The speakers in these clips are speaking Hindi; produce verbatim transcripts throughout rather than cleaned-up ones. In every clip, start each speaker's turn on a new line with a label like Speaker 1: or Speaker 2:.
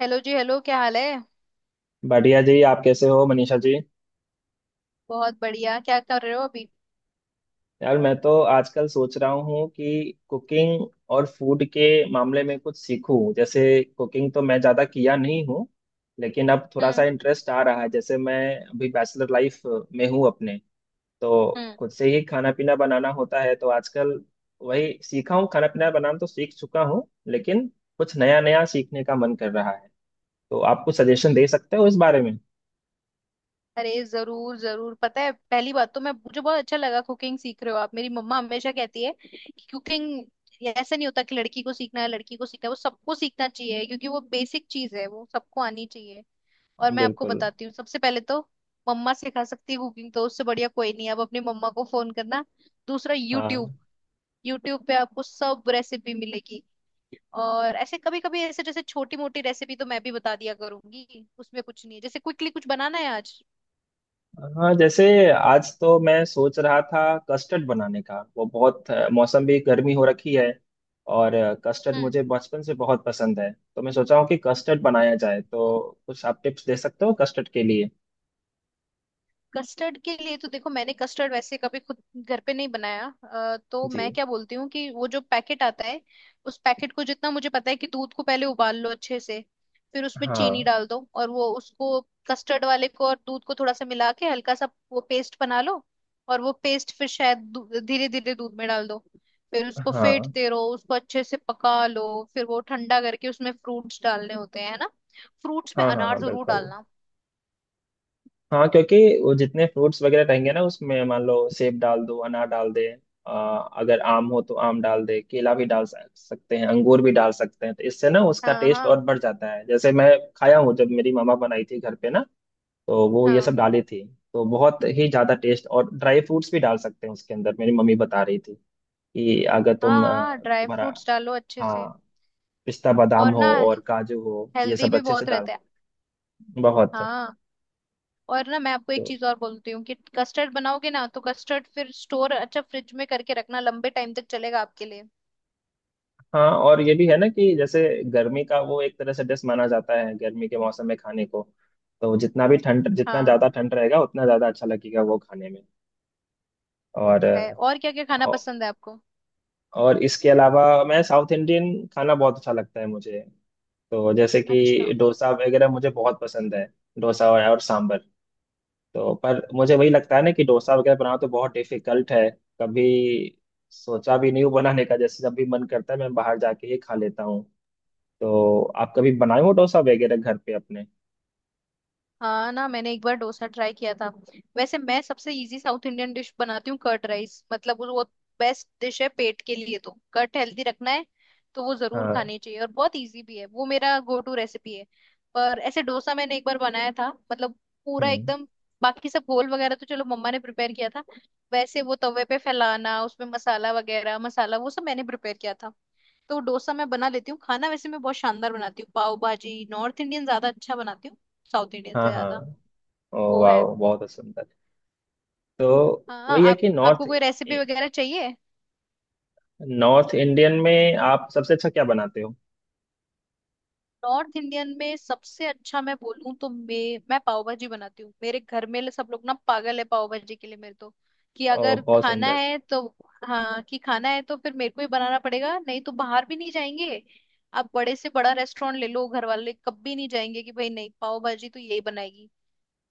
Speaker 1: हेलो जी। हेलो, क्या हाल है।
Speaker 2: बढ़िया जी। आप कैसे हो मनीषा जी?
Speaker 1: बहुत बढ़िया। क्या कर रहे हो अभी।
Speaker 2: यार, मैं तो आजकल सोच रहा हूँ कि कुकिंग और फूड के मामले में कुछ सीखूं। जैसे कुकिंग तो मैं ज़्यादा किया नहीं हूँ, लेकिन अब थोड़ा सा
Speaker 1: हम्म।
Speaker 2: इंटरेस्ट आ रहा है। जैसे मैं अभी बैचलर लाइफ में हूँ अपने, तो
Speaker 1: हम्म।
Speaker 2: खुद से ही खाना पीना बनाना होता है। तो आजकल वही सीखा हूँ। खाना पीना बनाना तो सीख चुका हूँ, लेकिन कुछ नया नया सीखने का मन कर रहा है। तो आप कुछ सजेशन दे सकते हो इस बारे में?
Speaker 1: अरे जरूर जरूर, पता है, पहली बात तो मैं मुझे बहुत अच्छा लगा कुकिंग सीख रहे हो आप। मेरी मम्मा हमेशा कहती है कि कुकिंग ऐसा नहीं होता कि लड़की को सीखना है, लड़की को सीखना है, वो सबको सीखना चाहिए क्योंकि वो बेसिक चीज है, वो सबको आनी चाहिए। और मैं आपको
Speaker 2: बिल्कुल।
Speaker 1: बताती हूँ, सबसे पहले तो मम्मा सिखा सकती है कुकिंग, तो उससे बढ़िया कोई नहीं है। अब अपनी मम्मा को फोन करना। दूसरा यूट्यूब।
Speaker 2: हाँ,
Speaker 1: यूट्यूब पे आपको सब रेसिपी मिलेगी। और ऐसे कभी कभी, ऐसे जैसे छोटी मोटी रेसिपी तो मैं भी बता दिया करूंगी, उसमें कुछ नहीं है, जैसे क्विकली कुछ बनाना है आज।
Speaker 2: हाँ जैसे, आज तो मैं सोच रहा था कस्टर्ड बनाने का। वो बहुत अ, मौसम भी गर्मी हो रखी है। और कस्टर्ड मुझे बचपन से बहुत पसंद है, तो मैं सोचा हूँ कि कस्टर्ड बनाया जाए। तो कुछ आप टिप्स दे सकते हो कस्टर्ड के लिए?
Speaker 1: कस्टर्ड के लिए तो देखो, मैंने कस्टर्ड वैसे कभी खुद घर पे नहीं बनाया, अ, तो
Speaker 2: जी।
Speaker 1: मैं क्या बोलती हूँ कि वो जो पैकेट आता है उस पैकेट को, जितना मुझे पता है, कि दूध को पहले उबाल लो अच्छे से, फिर उसमें चीनी
Speaker 2: हाँ।
Speaker 1: डाल दो, और वो उसको कस्टर्ड वाले को और दूध को थोड़ा सा मिला के हल्का सा वो पेस्ट बना लो। और वो पेस्ट फिर शायद धीरे धीरे दूध में डाल दो। फिर उसको
Speaker 2: हाँ,
Speaker 1: फेंटते रहो, उसको अच्छे से पका लो, फिर वो ठंडा करके उसमें फ्रूट्स डालने होते हैं, है ना। फ्रूट्स में
Speaker 2: हाँ, हाँ,
Speaker 1: अनार
Speaker 2: हाँ,
Speaker 1: जरूर
Speaker 2: बिल्कुल।
Speaker 1: डालना।
Speaker 2: हाँ, क्योंकि वो जितने फ्रूट्स वगैरह रहेंगे ना उसमें, मान लो सेब डाल दो, अनार डाल दे, आ, अगर आम हो तो आम डाल दे, केला भी डाल सक- सकते हैं, अंगूर भी डाल सकते हैं। तो इससे ना उसका
Speaker 1: हाँ,
Speaker 2: टेस्ट और
Speaker 1: हाँ,
Speaker 2: बढ़ जाता है। जैसे मैं खाया हूँ जब मेरी मामा बनाई थी घर पे ना, तो वो ये सब
Speaker 1: हाँ,
Speaker 2: डाली थी। तो बहुत ही ज्यादा टेस्ट। और ड्राई फ्रूट्स भी डाल सकते हैं उसके अंदर। मेरी मम्मी बता रही थी कि अगर
Speaker 1: हाँ।
Speaker 2: तुम आ,
Speaker 1: हाँ, ड्राई
Speaker 2: तुम्हारा,
Speaker 1: फ्रूट्स डालो अच्छे से।
Speaker 2: हाँ, पिस्ता बादाम
Speaker 1: और ना,
Speaker 2: हो और काजू हो, ये
Speaker 1: हेल्दी
Speaker 2: सब
Speaker 1: भी
Speaker 2: अच्छे से
Speaker 1: बहुत
Speaker 2: डाल।
Speaker 1: रहता है।
Speaker 2: बहुत।
Speaker 1: हाँ। और ना, मैं आपको एक
Speaker 2: तो
Speaker 1: चीज और बोलती हूँ कि कस्टर्ड बनाओगे ना, तो कस्टर्ड फिर स्टोर अच्छा फ्रिज में करके रखना, लंबे टाइम तक चलेगा आपके लिए।
Speaker 2: हाँ, और ये भी है ना कि जैसे गर्मी का वो एक तरह से डिश माना जाता है गर्मी के मौसम में खाने को। तो जितना भी ठंड, जितना ज़्यादा
Speaker 1: हाँ,
Speaker 2: ठंड रहेगा उतना ज़्यादा अच्छा लगेगा वो खाने में।
Speaker 1: वो
Speaker 2: और
Speaker 1: तो है। और क्या क्या खाना
Speaker 2: औ-
Speaker 1: पसंद है आपको।
Speaker 2: और इसके अलावा मैं, साउथ इंडियन खाना बहुत अच्छा लगता है मुझे। तो जैसे
Speaker 1: अच्छा।
Speaker 2: कि डोसा वगैरह मुझे बहुत पसंद है। डोसा और, और सांभर। तो पर मुझे वही लगता है ना कि डोसा वगैरह बनाना तो बहुत डिफिकल्ट है। कभी सोचा भी नहीं हूँ बनाने का। जैसे जब भी मन करता है मैं बाहर जाके ही खा लेता हूँ। तो आप कभी बनाए हो डोसा वगैरह घर पे अपने?
Speaker 1: हाँ ना, मैंने एक बार डोसा ट्राई किया था। वैसे मैं सबसे इजी साउथ इंडियन डिश बनाती हूँ, कर्ड राइस, मतलब वो बेस्ट डिश है पेट के लिए, तो कर्ड हेल्दी रखना है तो वो जरूर
Speaker 2: हाँ।
Speaker 1: खानी चाहिए, और बहुत इजी भी है, वो मेरा गो टू रेसिपी है। पर ऐसे डोसा मैंने एक बार बनाया था, मतलब पूरा
Speaker 2: हम्म।
Speaker 1: एकदम। बाकी सब घोल वगैरह तो चलो मम्मा ने प्रिपेयर किया था, वैसे वो तवे पे फैलाना, उसमें मसाला वगैरह, मसाला वो सब मैंने प्रिपेयर किया था। तो डोसा मैं बना लेती हूँ, खाना वैसे मैं बहुत शानदार बनाती हूँ। पाव भाजी नॉर्थ इंडियन ज्यादा अच्छा बनाती हूँ, साउथ इंडियन से
Speaker 2: हाँ, हाँ।
Speaker 1: ज्यादा।
Speaker 2: ओ
Speaker 1: वो
Speaker 2: वाह,
Speaker 1: है।
Speaker 2: बहुत सुंदर। तो
Speaker 1: हाँ,
Speaker 2: वही है
Speaker 1: आप
Speaker 2: कि नॉर्थ।
Speaker 1: आपको कोई रेसिपी वगैरह चाहिए।
Speaker 2: नॉर्थ इंडियन में आप सबसे अच्छा क्या बनाते हो?
Speaker 1: नॉर्थ इंडियन में सबसे अच्छा मैं बोलूँ तो मैं मैं पाव भाजी बनाती हूँ, मेरे घर में ले- सब लोग ना पागल है पाव भाजी के लिए मेरे तो, कि
Speaker 2: ओ
Speaker 1: अगर
Speaker 2: बहुत
Speaker 1: खाना
Speaker 2: सुंदर।
Speaker 1: है तो। हाँ, कि खाना है तो फिर मेरे को ही बनाना पड़ेगा, नहीं तो बाहर भी नहीं जाएंगे। आप बड़े से बड़ा रेस्टोरेंट ले लो, घर वाले कभी नहीं जाएंगे, कि भाई नहीं, पाव भाजी तो यही बनाएगी।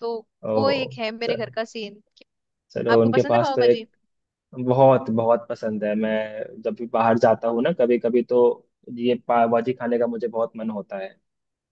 Speaker 1: तो वो
Speaker 2: ओह।
Speaker 1: एक है मेरे घर
Speaker 2: चलो।
Speaker 1: का सीन।
Speaker 2: चलो
Speaker 1: आपको
Speaker 2: उनके
Speaker 1: पसंद है
Speaker 2: पास
Speaker 1: पाव
Speaker 2: तो एक।
Speaker 1: भाजी।
Speaker 2: बहुत बहुत पसंद है। मैं जब भी बाहर जाता हूँ ना, कभी कभी तो ये पाव भाजी खाने का मुझे बहुत मन होता है।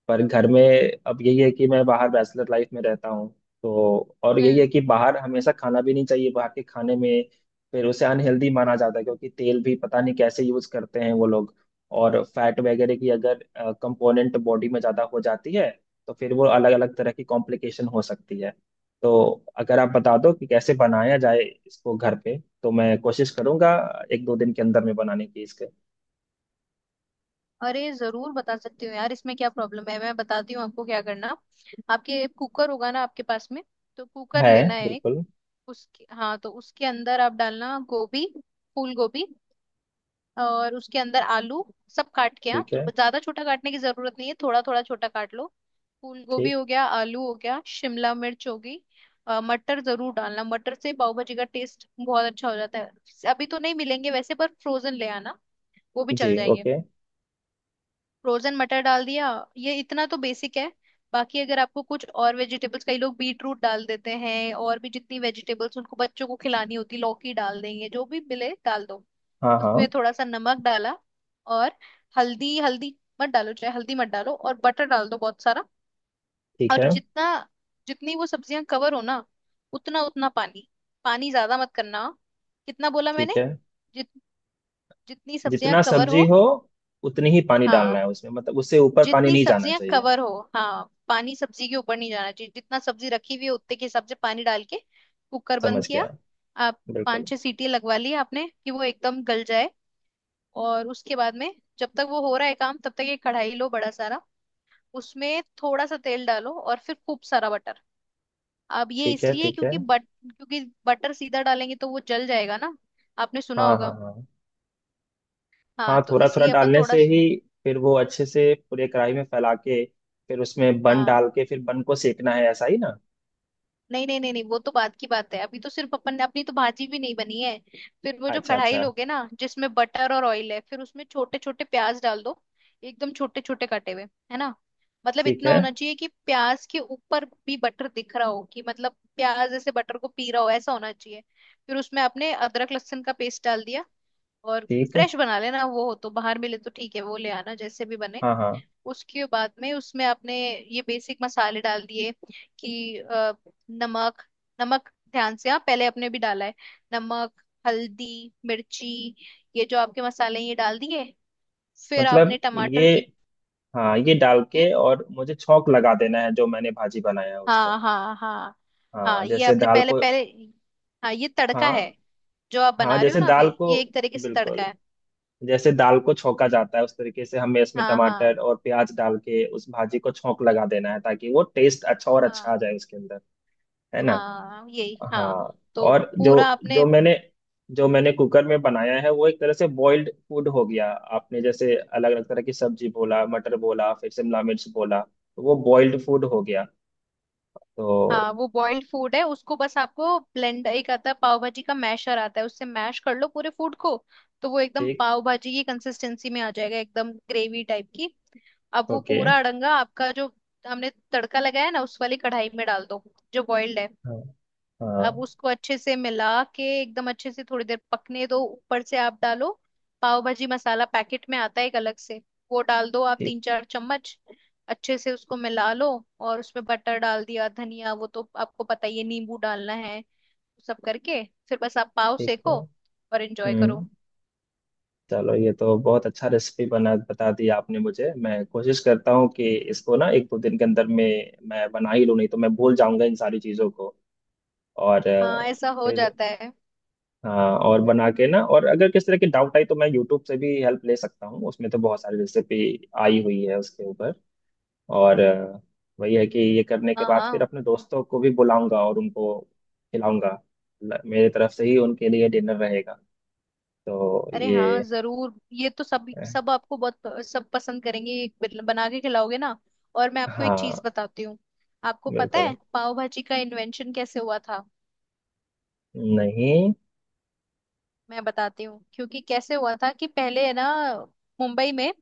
Speaker 2: पर घर में, अब यही है कि मैं बाहर बैचलर लाइफ में रहता हूँ। तो, और यही
Speaker 1: हम्म।
Speaker 2: है कि बाहर हमेशा खाना भी नहीं चाहिए। बाहर के खाने में फिर उसे अनहेल्दी माना जाता है क्योंकि तेल भी पता नहीं कैसे यूज करते हैं वो लोग। और फैट वगैरह की अगर कंपोनेंट बॉडी में ज्यादा हो जाती है, तो फिर वो अलग अलग तरह की कॉम्प्लिकेशन हो सकती है। तो अगर आप बता दो कि कैसे बनाया जाए इसको घर पे, तो मैं कोशिश करूंगा एक दो दिन के अंदर में बनाने की इसके।
Speaker 1: अरे जरूर बता सकती हूँ यार, इसमें क्या प्रॉब्लम है। मैं बताती हूँ आपको क्या करना। आपके कुकर होगा ना आपके पास में। तो कुकर
Speaker 2: है,
Speaker 1: लेना है एक।
Speaker 2: बिल्कुल।
Speaker 1: उसके हाँ, तो उसके अंदर आप डालना गोभी, फूल गोभी, और उसके अंदर आलू, सब काट के। हाँ,
Speaker 2: ठीक
Speaker 1: तो
Speaker 2: है।
Speaker 1: ज्यादा छोटा काटने की जरूरत नहीं है, थोड़ा थोड़ा छोटा काट लो। फूल गोभी
Speaker 2: ठीक।
Speaker 1: हो गया, आलू हो गया, शिमला मिर्च होगी। अ, मटर जरूर डालना, मटर से पाव भाजी का टेस्ट बहुत अच्छा हो जाता है। अभी तो नहीं मिलेंगे वैसे, पर फ्रोजन ले आना, वो भी
Speaker 2: जी,
Speaker 1: चल जाएंगे।
Speaker 2: ओके।
Speaker 1: फ्रोजन मटर डाल दिया, ये इतना तो बेसिक है। बाकी अगर आपको कुछ और वेजिटेबल्स, कई लोग बीट रूट डाल देते हैं, और भी जितनी वेजिटेबल्स उनको बच्चों को खिलानी होती, लौकी डाल देंगे, जो भी मिले डाल दो।
Speaker 2: हाँ, हाँ।
Speaker 1: उसमें थोड़ा सा नमक डाला, और हल्दी, हल्दी मत डालो, चाहे हल्दी मत डालो, और बटर डाल दो बहुत सारा।
Speaker 2: ठीक
Speaker 1: और
Speaker 2: है।
Speaker 1: जितना, जितनी वो सब्जियां कवर हो ना, उतना उतना पानी, पानी ज्यादा मत करना। कितना बोला मैंने?
Speaker 2: ठीक है,
Speaker 1: जित जितनी सब्जियां
Speaker 2: जितना
Speaker 1: कवर
Speaker 2: सब्जी
Speaker 1: हो।
Speaker 2: हो उतनी ही पानी डालना
Speaker 1: हाँ,
Speaker 2: है उसमें। मतलब उससे ऊपर पानी
Speaker 1: जितनी
Speaker 2: नहीं जाना
Speaker 1: सब्जियां
Speaker 2: चाहिए।
Speaker 1: कवर हो। हाँ, पानी सब्जी के ऊपर नहीं जाना चाहिए, जितना सब्जी रखी हुई है उतने के हिसाब से पानी डाल के कुकर बंद
Speaker 2: समझ
Speaker 1: किया
Speaker 2: गया।
Speaker 1: आप। पांच
Speaker 2: बिल्कुल।
Speaker 1: छह सीटी लगवा ली आपने कि वो एकदम गल जाए। और उसके बाद में, जब तक वो हो रहा है काम, तब तक एक कढ़ाई लो बड़ा सारा, उसमें थोड़ा सा तेल डालो और फिर खूब सारा बटर। अब ये
Speaker 2: ठीक है।
Speaker 1: इसलिए,
Speaker 2: ठीक है।
Speaker 1: क्योंकि बट क्योंकि बटर सीधा डालेंगे तो वो जल जाएगा ना, आपने सुना
Speaker 2: हाँ,
Speaker 1: होगा।
Speaker 2: हाँ, हाँ।
Speaker 1: हाँ,
Speaker 2: हाँ,
Speaker 1: तो
Speaker 2: थोड़ा थोड़ा
Speaker 1: इसलिए अपन
Speaker 2: डालने
Speaker 1: थोड़ा
Speaker 2: से
Speaker 1: सा।
Speaker 2: ही फिर वो अच्छे से पूरे कढ़ाई में फैला के, फिर उसमें बन
Speaker 1: हाँ,
Speaker 2: डाल के फिर बन को सेकना है, ऐसा ही ना?
Speaker 1: नहीं नहीं नहीं नहीं, वो तो बात की बात है, अभी तो सिर्फ अपन ने, अपनी तो भाजी भी नहीं बनी है। फिर वो जो
Speaker 2: अच्छा,
Speaker 1: कढ़ाई
Speaker 2: अच्छा।
Speaker 1: लोगे ना, जिसमें बटर और ऑयल है, फिर उसमें छोटे छोटे प्याज डाल दो, एकदम छोटे छोटे कटे हुए, है ना। मतलब
Speaker 2: ठीक
Speaker 1: इतना
Speaker 2: है।
Speaker 1: होना चाहिए कि प्याज के ऊपर भी बटर दिख रहा हो, कि मतलब प्याज ऐसे बटर को पी रहा हो, ऐसा होना चाहिए। फिर उसमें आपने अदरक लहसुन का पेस्ट डाल दिया, और
Speaker 2: ठीक।
Speaker 1: फ्रेश बना लेना वो, हो तो, बाहर मिले तो ठीक है, वो ले आना, जैसे भी बने।
Speaker 2: हाँ, हाँ।
Speaker 1: उसके बाद में उसमें आपने ये बेसिक मसाले डाल दिए, कि अ, नमक, नमक ध्यान से, हाँ पहले आपने भी डाला है, नमक, हल्दी, मिर्ची, ये जो आपके मसाले हैं ये डाल दिए, फिर
Speaker 2: मतलब
Speaker 1: आपने टमाटर
Speaker 2: ये,
Speaker 1: की।
Speaker 2: हाँ ये डाल
Speaker 1: हम्म?
Speaker 2: के और मुझे छौंक लगा देना है जो मैंने भाजी बनाया है उसका।
Speaker 1: हाँ, हाँ, हाँ।
Speaker 2: हाँ,
Speaker 1: हाँ, ये
Speaker 2: जैसे
Speaker 1: आपने
Speaker 2: दाल
Speaker 1: पहले
Speaker 2: को।
Speaker 1: पहले, हाँ ये तड़का है,
Speaker 2: हाँ।
Speaker 1: जो आप
Speaker 2: हाँ
Speaker 1: बना रहे हो
Speaker 2: जैसे
Speaker 1: ना
Speaker 2: दाल
Speaker 1: अभी,
Speaker 2: को,
Speaker 1: ये एक तरीके से
Speaker 2: बिल्कुल।
Speaker 1: तड़का है।
Speaker 2: जैसे दाल को छौंका जाता है उस तरीके से हमें इसमें
Speaker 1: हाँ, हाँ,
Speaker 2: टमाटर और प्याज डाल के उस भाजी को छौंक लगा देना है, ताकि वो टेस्ट अच्छा और अच्छा आ
Speaker 1: हाँ,
Speaker 2: जाए उसके अंदर। है ना?
Speaker 1: हाँ यही, हाँ।
Speaker 2: हाँ।
Speaker 1: तो
Speaker 2: और जो
Speaker 1: पूरा आपने,
Speaker 2: जो मैंने जो मैंने कुकर में बनाया है वो एक तरह से बॉइल्ड फूड हो गया। आपने जैसे अलग अलग तरह की सब्जी बोला, मटर बोला, फिर शिमला मिर्च बोला, तो वो बॉइल्ड फूड हो गया। तो
Speaker 1: हाँ वो बॉइल्ड फूड है, उसको बस आपको ब्लेंड, एक आता है पाव भाजी का मैशर आता है, उससे मैश कर लो पूरे फूड को, तो वो एकदम
Speaker 2: ठीक।
Speaker 1: पाव भाजी की कंसिस्टेंसी में आ जाएगा, एकदम ग्रेवी टाइप की। अब वो
Speaker 2: ओके।
Speaker 1: पूरा अड़ंगा आपका, जो हमने तड़का लगाया है ना उस वाली कढ़ाई में डाल दो, जो बॉइल्ड है।
Speaker 2: हाँ, हाँ।
Speaker 1: अब उसको अच्छे से मिला के एकदम अच्छे से थोड़ी देर पकने दो, ऊपर से आप डालो पाव भाजी मसाला, पैकेट में आता है एक अलग से, वो डाल दो आप
Speaker 2: ठीक।
Speaker 1: तीन चार चम्मच, अच्छे से उसको मिला लो, और उसमें बटर डाल दिया, धनिया वो तो आपको पता ही है, नींबू डालना है, सब करके फिर बस आप पाव
Speaker 2: ठीक है।
Speaker 1: सेको और एंजॉय
Speaker 2: हम्म।
Speaker 1: करो।
Speaker 2: चलो, ये तो बहुत अच्छा रेसिपी बना, बता दी आपने मुझे। मैं कोशिश करता हूँ कि इसको ना एक दो दिन के अंदर में मैं बना ही लूँ, नहीं तो मैं भूल जाऊंगा इन सारी चीज़ों को। और
Speaker 1: हाँ,
Speaker 2: अ,
Speaker 1: ऐसा हो
Speaker 2: फिर
Speaker 1: जाता है।
Speaker 2: हाँ, और बना के ना, और अगर किस तरह की डाउट आई तो मैं यूट्यूब से भी हेल्प ले सकता हूँ, उसमें तो बहुत सारी रेसिपी आई हुई है उसके ऊपर। और अ, वही है कि ये करने के
Speaker 1: हाँ,
Speaker 2: बाद फिर
Speaker 1: हाँ।
Speaker 2: अपने दोस्तों को भी बुलाऊंगा और उनको खिलाऊंगा। ल- मेरे तरफ से ही उनके लिए डिनर रहेगा तो
Speaker 1: अरे हाँ
Speaker 2: ये।
Speaker 1: जरूर, ये तो सब, सब आपको बहुत, सब पसंद करेंगे ये बन- बना के खिलाओगे ना। और मैं आपको एक
Speaker 2: हाँ।
Speaker 1: चीज बताती हूँ, आपको पता
Speaker 2: बिल्कुल
Speaker 1: है पाव भाजी का इन्वेंशन कैसे हुआ था।
Speaker 2: नहीं।
Speaker 1: मैं बताती हूँ क्योंकि कैसे हुआ था, कि पहले है ना मुंबई में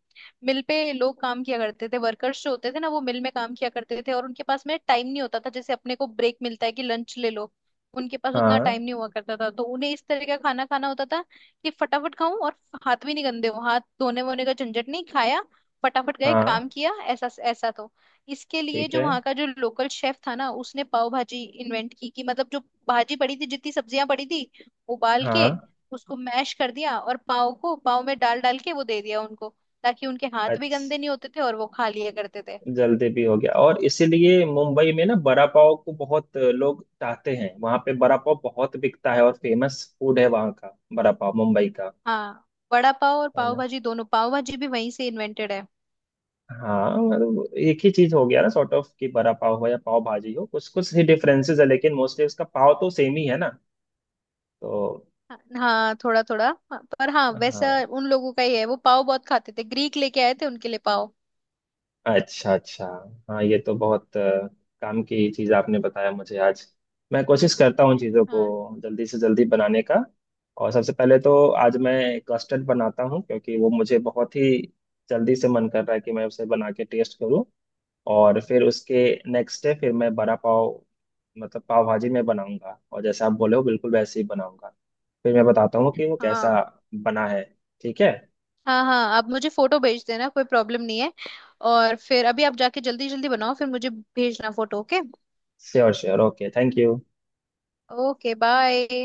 Speaker 1: मिल पे लोग काम किया करते थे, वर्कर्स जो होते थे ना वो मिल में काम किया करते थे, और उनके पास में टाइम नहीं होता था, जैसे अपने को ब्रेक मिलता है कि लंच ले लो, उनके पास उतना
Speaker 2: हाँ,
Speaker 1: टाइम नहीं हुआ करता था, तो उन्हें इस तरह का खाना खाना होता था कि फटाफट खाऊं, और हाथ भी नहीं गंदे हो, हाथ धोने वोने का झंझट नहीं, खाया फटाफट, गए काम
Speaker 2: हाँ।
Speaker 1: किया, ऐसा ऐसा, तो इसके लिए
Speaker 2: ठीक
Speaker 1: जो
Speaker 2: है।
Speaker 1: वहाँ का जो लोकल शेफ था ना उसने पाव भाजी इन्वेंट की, कि मतलब जो भाजी पड़ी थी, जितनी सब्जियां पड़ी थी, उबाल के
Speaker 2: हाँ।
Speaker 1: उसको मैश कर दिया, और पाव को पाव में डाल डाल के वो दे दिया उनको, ताकि उनके हाथ भी
Speaker 2: अच्छा,
Speaker 1: गंदे नहीं होते थे और वो खा लिया करते थे।
Speaker 2: जल्दी भी हो गया, और इसीलिए मुंबई में ना बड़ा पाव को बहुत लोग चाहते हैं। वहाँ पे बड़ा पाव बहुत बिकता है और फेमस फूड है वहाँ का बड़ा पाव मुंबई का।
Speaker 1: हाँ, वड़ा पाव और
Speaker 2: है
Speaker 1: पाव
Speaker 2: ना?
Speaker 1: भाजी दोनों, पाव भाजी भी वहीं से इन्वेंटेड है।
Speaker 2: हाँ, मतलब एक ही चीज हो गया ना सॉर्ट ऑफ, कि बड़ा पाव हो या पाव भाजी हो, कुछ कुछ ही डिफरेंसेस है लेकिन मोस्टली उसका पाव तो सेम ही है ना। तो
Speaker 1: हाँ, थोड़ा थोड़ा। हाँ, पर हाँ वैसा
Speaker 2: हाँ।
Speaker 1: उन लोगों का ही है, वो पाव बहुत खाते थे, ग्रीक लेके आए थे उनके लिए पाव।
Speaker 2: अच्छा, अच्छा। हाँ ये तो बहुत अ, काम की चीज आपने बताया मुझे आज। मैं कोशिश करता हूँ चीज़ों को
Speaker 1: हाँ,
Speaker 2: जल्दी से जल्दी बनाने का। और सबसे पहले तो आज मैं कस्टर्ड बनाता हूँ, क्योंकि वो मुझे बहुत ही जल्दी से मन कर रहा है कि मैं उसे बना के टेस्ट करूँ। और फिर उसके नेक्स्ट डे फिर मैं बड़ा पाव, मतलब पाव भाजी में बनाऊंगा, और जैसा आप बोले हो बिल्कुल वैसे ही बनाऊंगा। फिर मैं बताता हूँ कि वो कैसा
Speaker 1: हाँ।
Speaker 2: बना है। ठीक है।
Speaker 1: हाँ हाँ आप मुझे फोटो भेज देना, कोई प्रॉब्लम नहीं है, और फिर अभी आप जाके जल्दी जल्दी बनाओ, फिर मुझे भेजना photo, okay.
Speaker 2: Sure, sure. Okay, thank you.
Speaker 1: Okay, bye.